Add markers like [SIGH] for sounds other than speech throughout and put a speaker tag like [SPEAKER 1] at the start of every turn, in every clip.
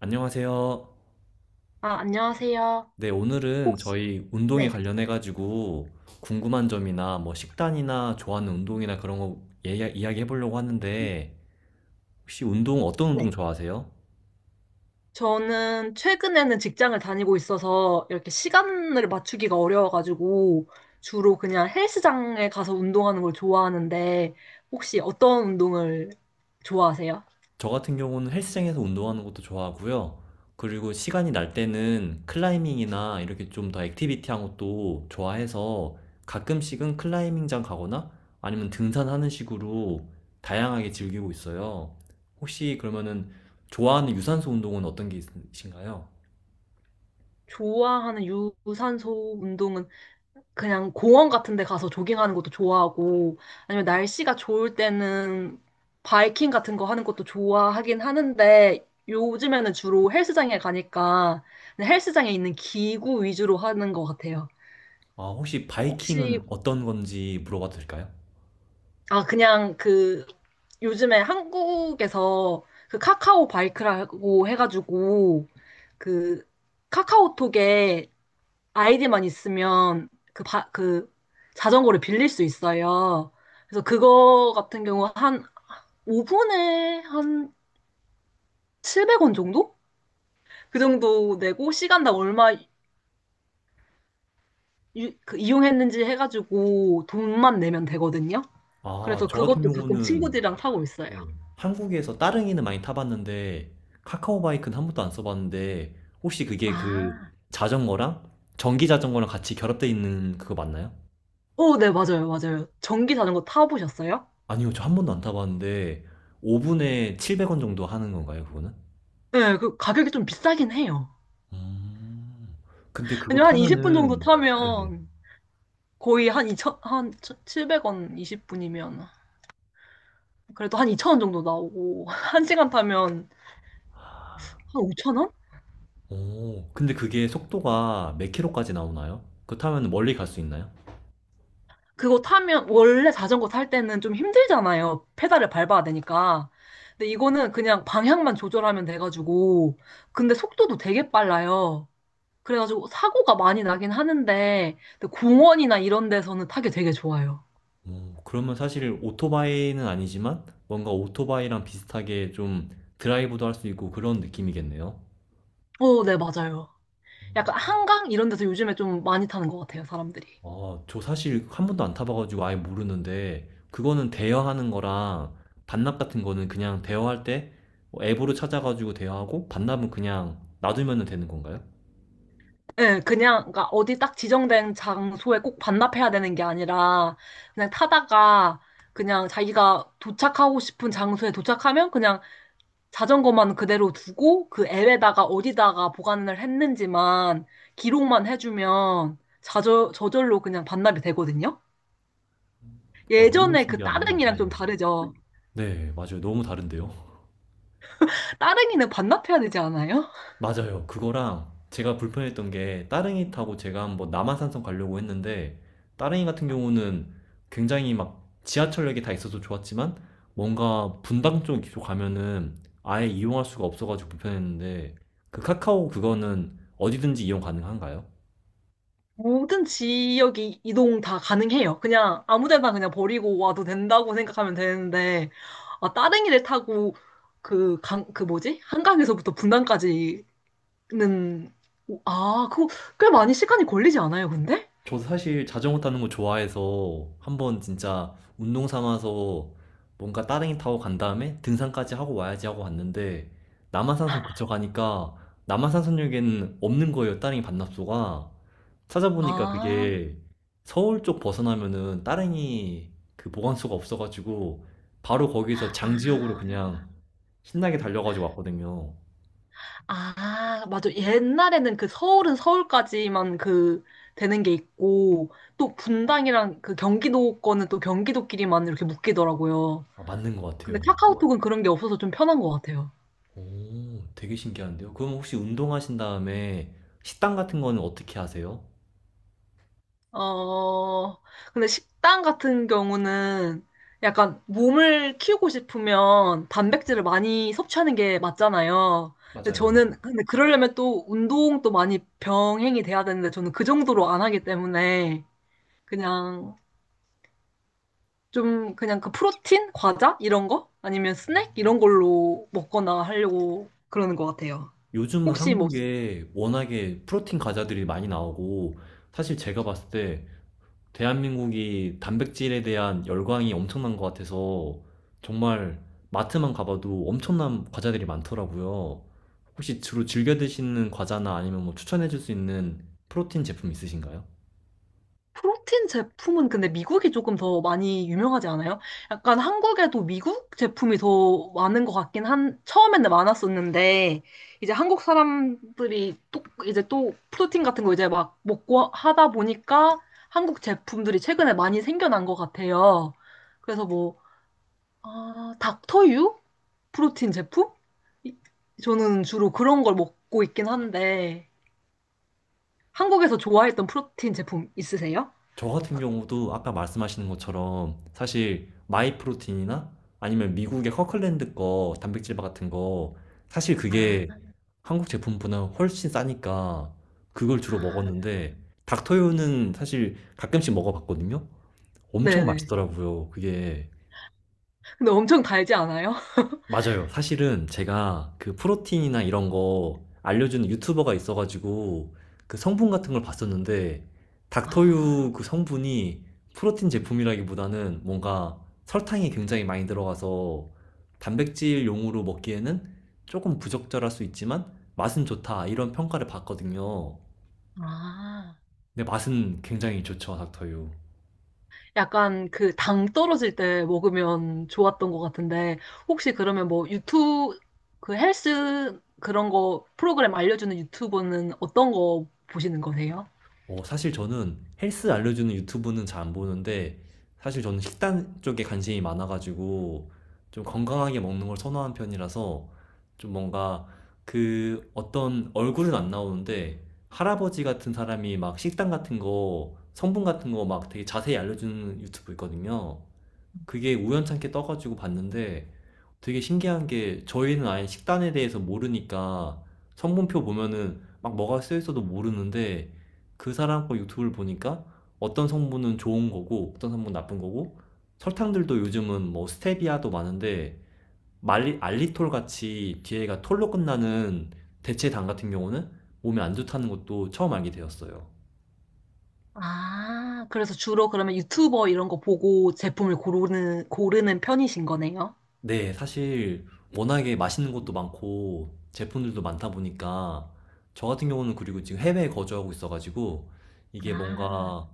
[SPEAKER 1] 안녕하세요.
[SPEAKER 2] 아, 안녕하세요.
[SPEAKER 1] 네, 오늘은
[SPEAKER 2] 혹시,
[SPEAKER 1] 저희 운동에
[SPEAKER 2] 네.
[SPEAKER 1] 관련해가지고 궁금한 점이나 뭐 식단이나 좋아하는 운동이나 그런 거 이야기해보려고 하는데 혹시 운동 어떤
[SPEAKER 2] 네.
[SPEAKER 1] 운동 좋아하세요?
[SPEAKER 2] 저는 최근에는 직장을 다니고 있어서 이렇게 시간을 맞추기가 어려워가지고 주로 그냥 헬스장에 가서 운동하는 걸 좋아하는데 혹시 어떤 운동을 좋아하세요?
[SPEAKER 1] 저 같은 경우는 헬스장에서 운동하는 것도 좋아하고요. 그리고 시간이 날 때는 클라이밍이나 이렇게 좀 더 액티비티한 것도 좋아해서 가끔씩은 클라이밍장 가거나 아니면 등산하는 식으로 다양하게 즐기고 있어요. 혹시 그러면은 좋아하는 유산소 운동은 어떤 게 있으신가요?
[SPEAKER 2] 좋아하는 유산소 운동은 그냥 공원 같은 데 가서 조깅하는 것도 좋아하고, 아니면 날씨가 좋을 때는 바이킹 같은 거 하는 것도 좋아하긴 하는데, 요즘에는 주로 헬스장에 가니까 그냥 헬스장에 있는 기구 위주로 하는 것 같아요.
[SPEAKER 1] 아, 혹시
[SPEAKER 2] 혹시,
[SPEAKER 1] 바이킹은 어떤 건지 물어봐도 될까요?
[SPEAKER 2] 아, 그냥 그, 요즘에 한국에서 그 카카오 바이크라고 해가지고, 그, 카카오톡에 아이디만 있으면 그, 그 자전거를 빌릴 수 있어요. 그래서 그거 같은 경우 한 5분에 한 700원 정도? 그 정도 내고 시간당 얼마 그 이용했는지 해가지고 돈만 내면 되거든요.
[SPEAKER 1] 아,
[SPEAKER 2] 그래서
[SPEAKER 1] 저 같은
[SPEAKER 2] 그것도 가끔
[SPEAKER 1] 경우는.
[SPEAKER 2] 친구들이랑 타고 있어요.
[SPEAKER 1] 네. 한국에서 따릉이는 많이 타봤는데 카카오바이크는 한 번도 안 써봤는데 혹시 그게 그
[SPEAKER 2] 아,
[SPEAKER 1] 자전거랑 전기 자전거랑 같이 결합되어 있는 그거 맞나요?
[SPEAKER 2] 오, 네, 맞아요, 맞아요. 전기 자전거 타보셨어요?
[SPEAKER 1] 아니요, 저 한 번도 안 타봤는데 5분에 700원 정도 하는 건가요, 그거는?
[SPEAKER 2] 네, 그 가격이 좀 비싸긴 해요.
[SPEAKER 1] 음, 근데 그거
[SPEAKER 2] 왜냐면 한 20분 정도
[SPEAKER 1] 타면은. 네네.
[SPEAKER 2] 타면 거의 한 이천한 700원 20분이면 그래도 한2천원 정도 나오고 [LAUGHS] 한시간 타면 한5천원
[SPEAKER 1] 오, 근데 그게 속도가 몇 킬로까지 나오나요? 그거 타면 멀리 갈 수 있나요?
[SPEAKER 2] 그거 타면 원래 자전거 탈 때는 좀 힘들잖아요. 페달을 밟아야 되니까. 근데 이거는 그냥 방향만 조절하면 돼가지고 근데 속도도 되게 빨라요. 그래가지고 사고가 많이 나긴 하는데 근데 공원이나 이런 데서는 타기 되게 좋아요.
[SPEAKER 1] 어, 그러면 사실 오토바이는 아니지만 뭔가 오토바이랑 비슷하게 좀 드라이브도 할 수 있고 그런 느낌이겠네요.
[SPEAKER 2] 어, 네, 맞아요. 약간 한강 이런 데서 요즘에 좀 많이 타는 것 같아요, 사람들이.
[SPEAKER 1] 어, 저 사실 한 번도 안 타봐가지고 아예 모르는데 그거는 대여하는 거랑 반납 같은 거는 그냥 대여할 때뭐 앱으로 찾아가지고 대여하고 반납은 그냥 놔두면 되는 건가요?
[SPEAKER 2] 예, 그냥, 그러니까 어디 딱 지정된 장소에 꼭 반납해야 되는 게 아니라, 그냥 타다가, 그냥 자기가 도착하고 싶은 장소에 도착하면 그냥 자전거만 그대로 두고, 그 앱에다가 어디다가 보관을 했는지만, 기록만 해주면, 저절로 그냥 반납이 되거든요?
[SPEAKER 1] 어, 너무
[SPEAKER 2] 예전에 그
[SPEAKER 1] 신기하네요.
[SPEAKER 2] 따릉이랑 좀
[SPEAKER 1] 네네.
[SPEAKER 2] 다르죠?
[SPEAKER 1] 네, 맞아요. 너무 다른데요.
[SPEAKER 2] 따릉이는 반납해야 되지 않아요?
[SPEAKER 1] 맞아요. 그거랑 제가 불편했던 게 따릉이 타고 제가 한번 남한산성 가려고 했는데, 따릉이 같은 경우는 굉장히 막 지하철역이 다 있어서 좋았지만 뭔가 분당 쪽으쪽 가면은 아예 이용할 수가 없어가지고 불편했는데, 그 카카오 그거는 어디든지 이용 가능한가요?
[SPEAKER 2] 모든 지역이 이동 다 가능해요. 그냥 아무 데나 그냥 버리고 와도 된다고 생각하면 되는데, 아, 따릉이를 타고 그 강, 그 뭐지? 한강에서부터 분당까지는, 오, 아, 그거 꽤 많이 시간이 걸리지 않아요, 근데?
[SPEAKER 1] 저도 사실 자전거 타는 거 좋아해서 한번 진짜 운동 삼아서 뭔가 따릉이 타고 간 다음에 등산까지 하고 와야지 하고 갔는데, 남한산성 그쳐 가니까 남한산성역에는 없는 거예요, 따릉이 반납소가. 찾아보니까
[SPEAKER 2] 아,
[SPEAKER 1] 그게 서울 쪽 벗어나면은 따릉이 그 보관소가 없어가지고 바로 거기서 장지역으로
[SPEAKER 2] 아,
[SPEAKER 1] 그냥 신나게 달려가지고 왔거든요.
[SPEAKER 2] 아, 맞아. 옛날에는 그 서울은 서울까지만 그 되는 게 있고, 또 분당이랑 그 경기도 거는 또 경기도끼리만 이렇게 묶이더라고요.
[SPEAKER 1] 아, 맞는 것
[SPEAKER 2] 근데
[SPEAKER 1] 같아요.
[SPEAKER 2] 카카오톡은 그런 게 없어서 좀 편한 것 같아요.
[SPEAKER 1] 오, 되게 신기한데요. 그럼 혹시 운동하신 다음에 식단 같은 거는 어떻게 하세요?
[SPEAKER 2] 어, 근데 식단 같은 경우는 약간 몸을 키우고 싶으면 단백질을 많이 섭취하는 게 맞잖아요.
[SPEAKER 1] 맞아요.
[SPEAKER 2] 근데 그러려면 또 운동도 많이 병행이 돼야 되는데 저는 그 정도로 안 하기 때문에 그냥 좀 그냥 그 프로틴? 과자? 이런 거? 아니면 스낵? 이런 걸로 먹거나 하려고 그러는 것 같아요.
[SPEAKER 1] 요즘은
[SPEAKER 2] 혹시 뭐
[SPEAKER 1] 한국에 워낙에 프로틴 과자들이 많이 나오고, 사실 제가 봤을 때 대한민국이 단백질에 대한 열광이 엄청난 것 같아서, 정말 마트만 가봐도 엄청난 과자들이 많더라고요. 혹시 주로 즐겨 드시는 과자나 아니면 뭐 추천해 줄 수 있는 프로틴 제품 있으신가요?
[SPEAKER 2] 프로틴 제품은 근데 미국이 조금 더 많이 유명하지 않아요? 약간 한국에도 미국 제품이 더 많은 것 같긴 한, 처음에는 많았었는데, 이제 한국 사람들이 또, 이제 또 프로틴 같은 거 이제 막 먹고 하다 보니까 한국 제품들이 최근에 많이 생겨난 것 같아요. 그래서 뭐, 아, 닥터유? 프로틴 제품? 이- 저는 주로 그런 걸 먹고 있긴 한데, 한국에서 좋아했던 프로틴 제품 있으세요?
[SPEAKER 1] 저 같은 경우도 아까 말씀하시는 것처럼 사실 마이프로틴이나 아니면 미국의 커클랜드 거 단백질 바 같은 거, 사실 그게
[SPEAKER 2] 아,
[SPEAKER 1] 한국 제품보다 훨씬 싸니까 그걸 주로
[SPEAKER 2] 아.
[SPEAKER 1] 먹었는데, 닥터유는 사실 가끔씩 먹어봤거든요. 엄청
[SPEAKER 2] 네네.
[SPEAKER 1] 맛있더라고요, 그게.
[SPEAKER 2] 근데 엄청 달지 않아요? [LAUGHS]
[SPEAKER 1] 맞아요. 사실은 제가 그 프로틴이나 이런 거 알려주는 유튜버가 있어가지고 그 성분 같은 걸 봤었는데, 닥터유
[SPEAKER 2] 아,
[SPEAKER 1] 그 성분이 프로틴 제품이라기보다는 뭔가 설탕이 굉장히 많이 들어가서 단백질용으로 먹기에는 조금 부적절할 수 있지만 맛은 좋다, 이런 평가를 받거든요.
[SPEAKER 2] 아.
[SPEAKER 1] 근데 맛은 굉장히 좋죠, 닥터유.
[SPEAKER 2] 약간 그 당 떨어질 때 먹으면 좋았던 것 같은데, 혹시 그러면 뭐 유튜브, 그 헬스 그런 거 프로그램 알려주는 유튜버는 어떤 거 보시는 거세요?
[SPEAKER 1] 어, 사실 저는 헬스 알려주는 유튜브는 잘 안 보는데, 사실 저는 식단 쪽에 관심이 많아가지고, 좀 건강하게 먹는 걸 선호하는 편이라서, 좀 뭔가 그 어떤, 얼굴은 안 나오는데 할아버지 같은 사람이 막 식단 같은 거, 성분 같은 거 막 되게 자세히 알려주는 유튜브 있거든요. 그게 우연찮게 떠가지고 봤는데, 되게 신기한 게 저희는 아예 식단에 대해서 모르니까 성분표 보면은 막 뭐가 쓰여 있어도 모르는데, 그 사람 거 유튜브를 보니까 어떤 성분은 좋은 거고 어떤 성분은 나쁜 거고, 설탕들도 요즘은 뭐 스테비아도 많은데 말리, 알리톨 같이 뒤에가 톨로 끝나는 대체당 같은 경우는 몸에 안 좋다는 것도 처음 알게 되었어요.
[SPEAKER 2] 아, 그래서 주로 그러면 유튜버 이런 거 보고 제품을 고르는 편이신 거네요?
[SPEAKER 1] 네, 사실 워낙에 맛있는 것도 많고 제품들도 많다 보니까, 저 같은 경우는 그리고 지금 해외에 거주하고 있어가지고 이게
[SPEAKER 2] 아,
[SPEAKER 1] 뭔가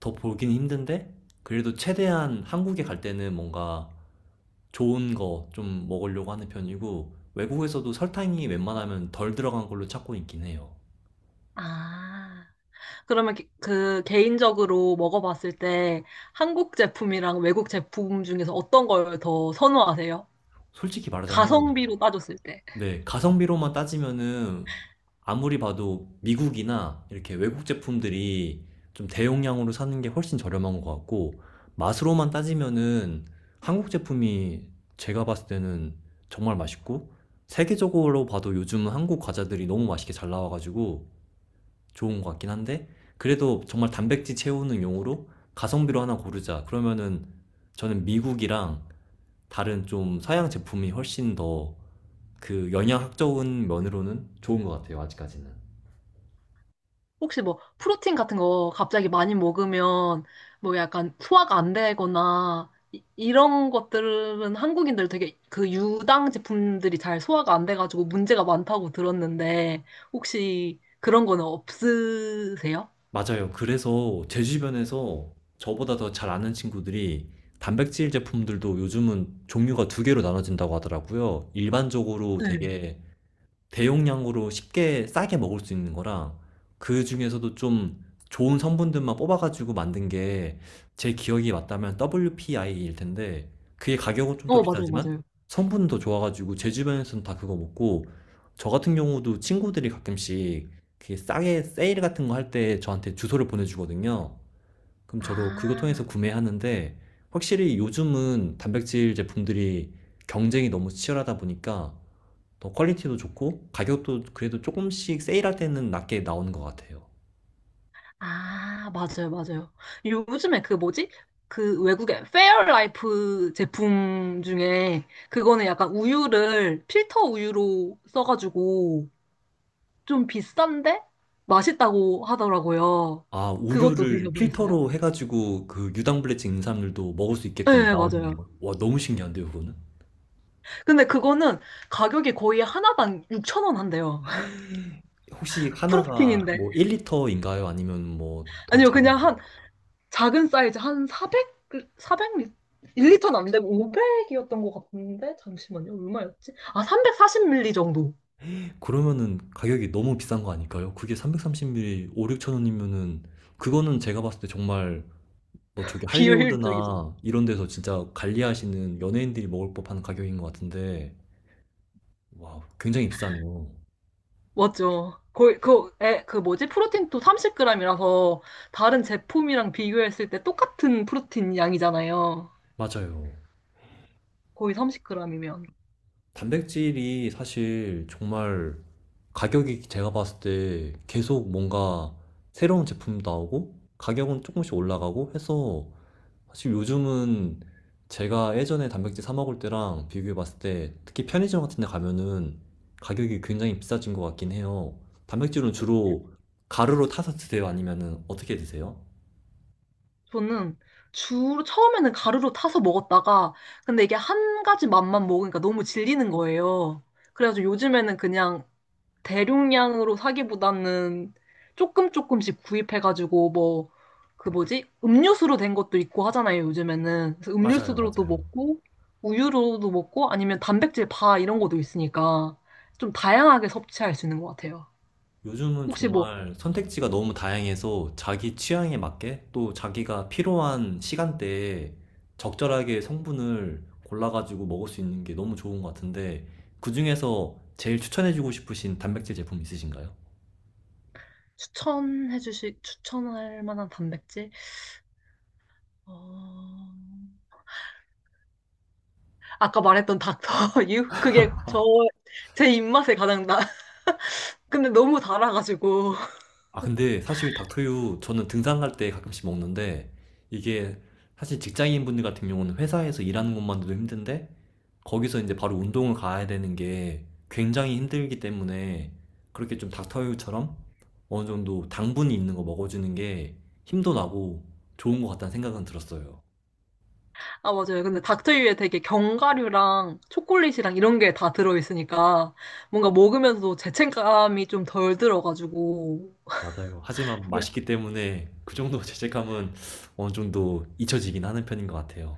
[SPEAKER 1] 더 보기는 힘든데, 그래도 최대한 한국에 갈 때는 뭔가 좋은 거 좀 먹으려고 하는 편이고, 외국에서도 설탕이 웬만하면 덜 들어간 걸로 찾고 있긴 해요.
[SPEAKER 2] 아. 그러면 그 개인적으로 먹어봤을 때 한국 제품이랑 외국 제품 중에서 어떤 걸 더 선호하세요?
[SPEAKER 1] 솔직히 말하자면,
[SPEAKER 2] 가성비로 따졌을 때.
[SPEAKER 1] 네, 가성비로만 따지면은 아무리 봐도 미국이나 이렇게 외국 제품들이 좀 대용량으로 사는 게 훨씬 저렴한 것 같고, 맛으로만 따지면은 한국 제품이 제가 봤을 때는 정말 맛있고, 세계적으로 봐도 요즘은 한국 과자들이 너무 맛있게 잘 나와가지고 좋은 것 같긴 한데, 그래도 정말 단백질 채우는 용으로 가성비로 하나 고르자 그러면은, 저는 미국이랑 다른 좀
[SPEAKER 2] 음.
[SPEAKER 1] 서양 제품이 훨씬 더 그 영양학적인 면으로는 좋은 것 같아요, 아직까지는.
[SPEAKER 2] 혹시 뭐 프로틴 같은 거 갑자기 많이 먹으면 뭐 약간 소화가 안 되거나 이런 것들은 한국인들 되게 그 유당 제품들이 잘 소화가 안 돼가지고 문제가 많다고 들었는데 혹시 그런 거는 없으세요?
[SPEAKER 1] 맞아요. 그래서 제 주변에서 저보다 더 잘 아는 친구들이 단백질 제품들도 요즘은 종류가 2개로 나눠진다고 하더라고요. 일반적으로
[SPEAKER 2] 네.
[SPEAKER 1] 되게 대용량으로 쉽게 싸게 먹을 수 있는 거랑, 그 중에서도 좀 좋은 성분들만 뽑아가지고 만든 게 제 기억이 맞다면 WPI일 텐데, 그게 가격은 좀 더
[SPEAKER 2] 어, 맞아요,
[SPEAKER 1] 비싸지만
[SPEAKER 2] 맞아요.
[SPEAKER 1] 성분은 더 좋아가지고 제 주변에서는 다 그거 먹고, 저 같은 경우도 친구들이 가끔씩 그 싸게 세일 같은 거 할 때 저한테 주소를 보내주거든요. 그럼 저도 그거 통해서
[SPEAKER 2] 아.
[SPEAKER 1] 구매하는데, 확실히 요즘은 단백질 제품들이 경쟁이 너무 치열하다 보니까 더 퀄리티도 좋고 가격도 그래도 조금씩 세일할 때는 낮게 나오는 것 같아요.
[SPEAKER 2] 아, 맞아요, 맞아요. 요즘에 그 뭐지? 그 외국의 페어라이프 제품 중에 그거는 약간 우유를 필터 우유로 써가지고 좀 비싼데 맛있다고 하더라고요.
[SPEAKER 1] 아,
[SPEAKER 2] 그것도
[SPEAKER 1] 우유를
[SPEAKER 2] 드셔보셨어요?
[SPEAKER 1] 필터로 해가지고 그 유당불내 찍는 사람들도 먹을 수
[SPEAKER 2] 네,
[SPEAKER 1] 있게끔
[SPEAKER 2] 네,
[SPEAKER 1] 나오는
[SPEAKER 2] 맞아요.
[SPEAKER 1] 거. 와, 너무 신기한데요, 그거는?
[SPEAKER 2] 근데 그거는 가격이 거의 하나당 6천 원 한대요. [LAUGHS]
[SPEAKER 1] 혹시 하나가
[SPEAKER 2] 프로틴인데.
[SPEAKER 1] 뭐 1리터인가요? 아니면 뭐 더
[SPEAKER 2] 아니요,
[SPEAKER 1] 작은?
[SPEAKER 2] 그냥 작은 사이즈 한 400, 400 리, 1리터는 안 되고 500이었던 것 같은데 잠시만요. 얼마였지? 아, 340ml 정도.
[SPEAKER 1] 그러면은 가격이 너무 비싼 거 아닐까요? 그게 330ml 5, 6천 원이면은, 그거는 제가 봤을 때 정말 뭐 저기
[SPEAKER 2] [LAUGHS] 비효율적이죠.
[SPEAKER 1] 할리우드나 이런 데서 진짜 관리하시는 연예인들이 먹을 법한 가격인 것 같은데. 와, 굉장히 비싸네요.
[SPEAKER 2] 맞죠. 거의 그, 에, 그 뭐지? 프로틴도 30g이라서 다른 제품이랑 비교했을 때 똑같은 프로틴 양이잖아요.
[SPEAKER 1] 맞아요.
[SPEAKER 2] 거의 30g이면.
[SPEAKER 1] 단백질이 사실 정말 가격이, 제가 봤을 때 계속 뭔가 새로운 제품 나오고 가격은 조금씩 올라가고 해서, 사실 요즘은 제가 예전에 단백질 사 먹을 때랑 비교해 봤을 때 특히 편의점 같은 데 가면은 가격이 굉장히 비싸진 것 같긴 해요. 단백질은 주로 가루로 타서 드세요? 아니면은 어떻게 드세요?
[SPEAKER 2] 저는 처음에는 가루로 타서 먹었다가 근데 이게 한 가지 맛만 먹으니까 너무 질리는 거예요. 그래가지고 요즘에는 그냥 대용량으로 사기보다는 조금 조금씩 구입해가지고 뭐 그 뭐지? 음료수로 된 것도 있고 하잖아요, 요즘에는. 그래서
[SPEAKER 1] 맞아요,
[SPEAKER 2] 음료수로도
[SPEAKER 1] 맞아요.
[SPEAKER 2] 먹고 우유로도 먹고 아니면 단백질 바 이런 것도 있으니까 좀 다양하게 섭취할 수 있는 것 같아요.
[SPEAKER 1] 요즘은
[SPEAKER 2] 혹시 뭐
[SPEAKER 1] 정말 선택지가 너무 다양해서 자기 취향에 맞게 또 자기가 필요한 시간대에 적절하게 성분을 골라가지고 먹을 수 있는 게 너무 좋은 것 같은데, 그중에서 제일 추천해주고 싶으신 단백질 제품 있으신가요?
[SPEAKER 2] 추천해 주실 추천할 만한 단백질? 어... 아까 말했던 닥터 [LAUGHS] 유 그게 저 제 입맛에 가장 나. 근데 너무 달아가지고.
[SPEAKER 1] 아, 근데 사실 닥터유 저는 등산 갈 때 가끔씩 먹는데, 이게 사실 직장인분들 같은 경우는 회사에서 일하는 것만으로도 힘든데 거기서 이제 바로 운동을 가야 되는 게 굉장히 힘들기 때문에, 그렇게 좀 닥터유처럼 어느 정도 당분이 있는 거 먹어주는 게 힘도 나고 좋은 것 같다는 생각은 들었어요.
[SPEAKER 2] 아, 맞아요. 근데 닥터유에 되게 견과류랑 초콜릿이랑 이런 게 다 들어있으니까 뭔가 먹으면서도 죄책감이 좀 덜 들어가지고.
[SPEAKER 1] 맞아요. 하지만 맛있기 때문에 그 정도 [LAUGHS] 죄책감은 어느 정도 잊혀지긴 하는 편인 것 같아요.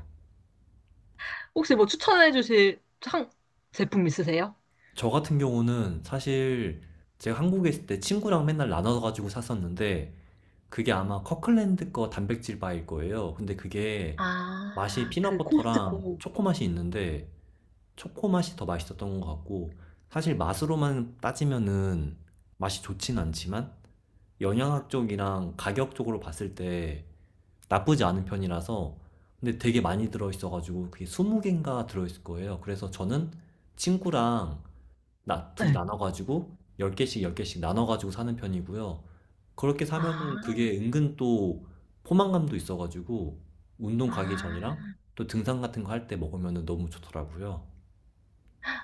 [SPEAKER 2] 혹시 뭐 추천해 주실 상 제품 있으세요?
[SPEAKER 1] 저 같은 경우는, 사실 제가 한국에 있을 때 친구랑 맨날 나눠가지고 샀었는데 그게 아마 커클랜드 거 단백질 바일 거예요. 근데 그게 맛이
[SPEAKER 2] 아, 그
[SPEAKER 1] 피넛버터랑
[SPEAKER 2] 코스트코.
[SPEAKER 1] 초코맛이 있는데 초코맛이 더 맛있었던 것 같고, 사실 맛으로만 따지면은 맛이 좋진 않지만 영양학적이랑 가격적으로 봤을 때 나쁘지 않은 편이라서. 근데 되게 많이 들어있어가지고 그게 20개인가 들어있을 거예요. 그래서 저는 친구랑 나 둘이
[SPEAKER 2] 네.
[SPEAKER 1] 나눠가지고 10개씩 10개씩 나눠가지고 사는 편이고요. 그렇게 사면은
[SPEAKER 2] 아,
[SPEAKER 1] 그게 은근 또 포만감도 있어가지고 운동 가기 전이랑
[SPEAKER 2] 아,
[SPEAKER 1] 또 등산 같은 거 할 때 먹으면은 너무 좋더라고요.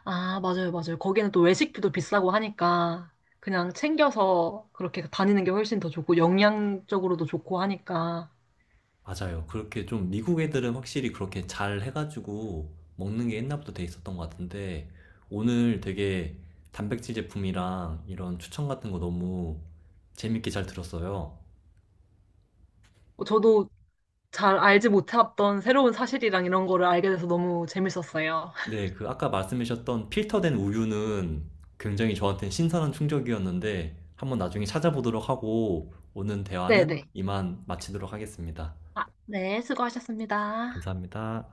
[SPEAKER 2] 아, 맞아요, 맞아요. 거기는 또 외식비도 비싸고 하니까 그냥 챙겨서 그렇게 다니는 게 훨씬 더 좋고 영양적으로도 좋고 하니까.
[SPEAKER 1] 맞아요. 그렇게 좀 미국 애들은 확실히 그렇게 잘 해가지고 먹는 게 옛날부터 돼 있었던 것 같은데, 오늘 되게 단백질 제품이랑 이런 추천 같은 거 너무 재밌게 잘 들었어요.
[SPEAKER 2] 어, 저도 잘 알지 못했던 새로운 사실이랑 이런 거를 알게 돼서 너무 재밌었어요. [LAUGHS]
[SPEAKER 1] 네, 그 아까 말씀하셨던 필터된 우유는 굉장히 저한테 신선한 충격이었는데, 한번 나중에 찾아보도록 하고 오늘 대화는
[SPEAKER 2] 네네.
[SPEAKER 1] 이만 마치도록 하겠습니다.
[SPEAKER 2] 아, 네, 수고하셨습니다.
[SPEAKER 1] 감사합니다.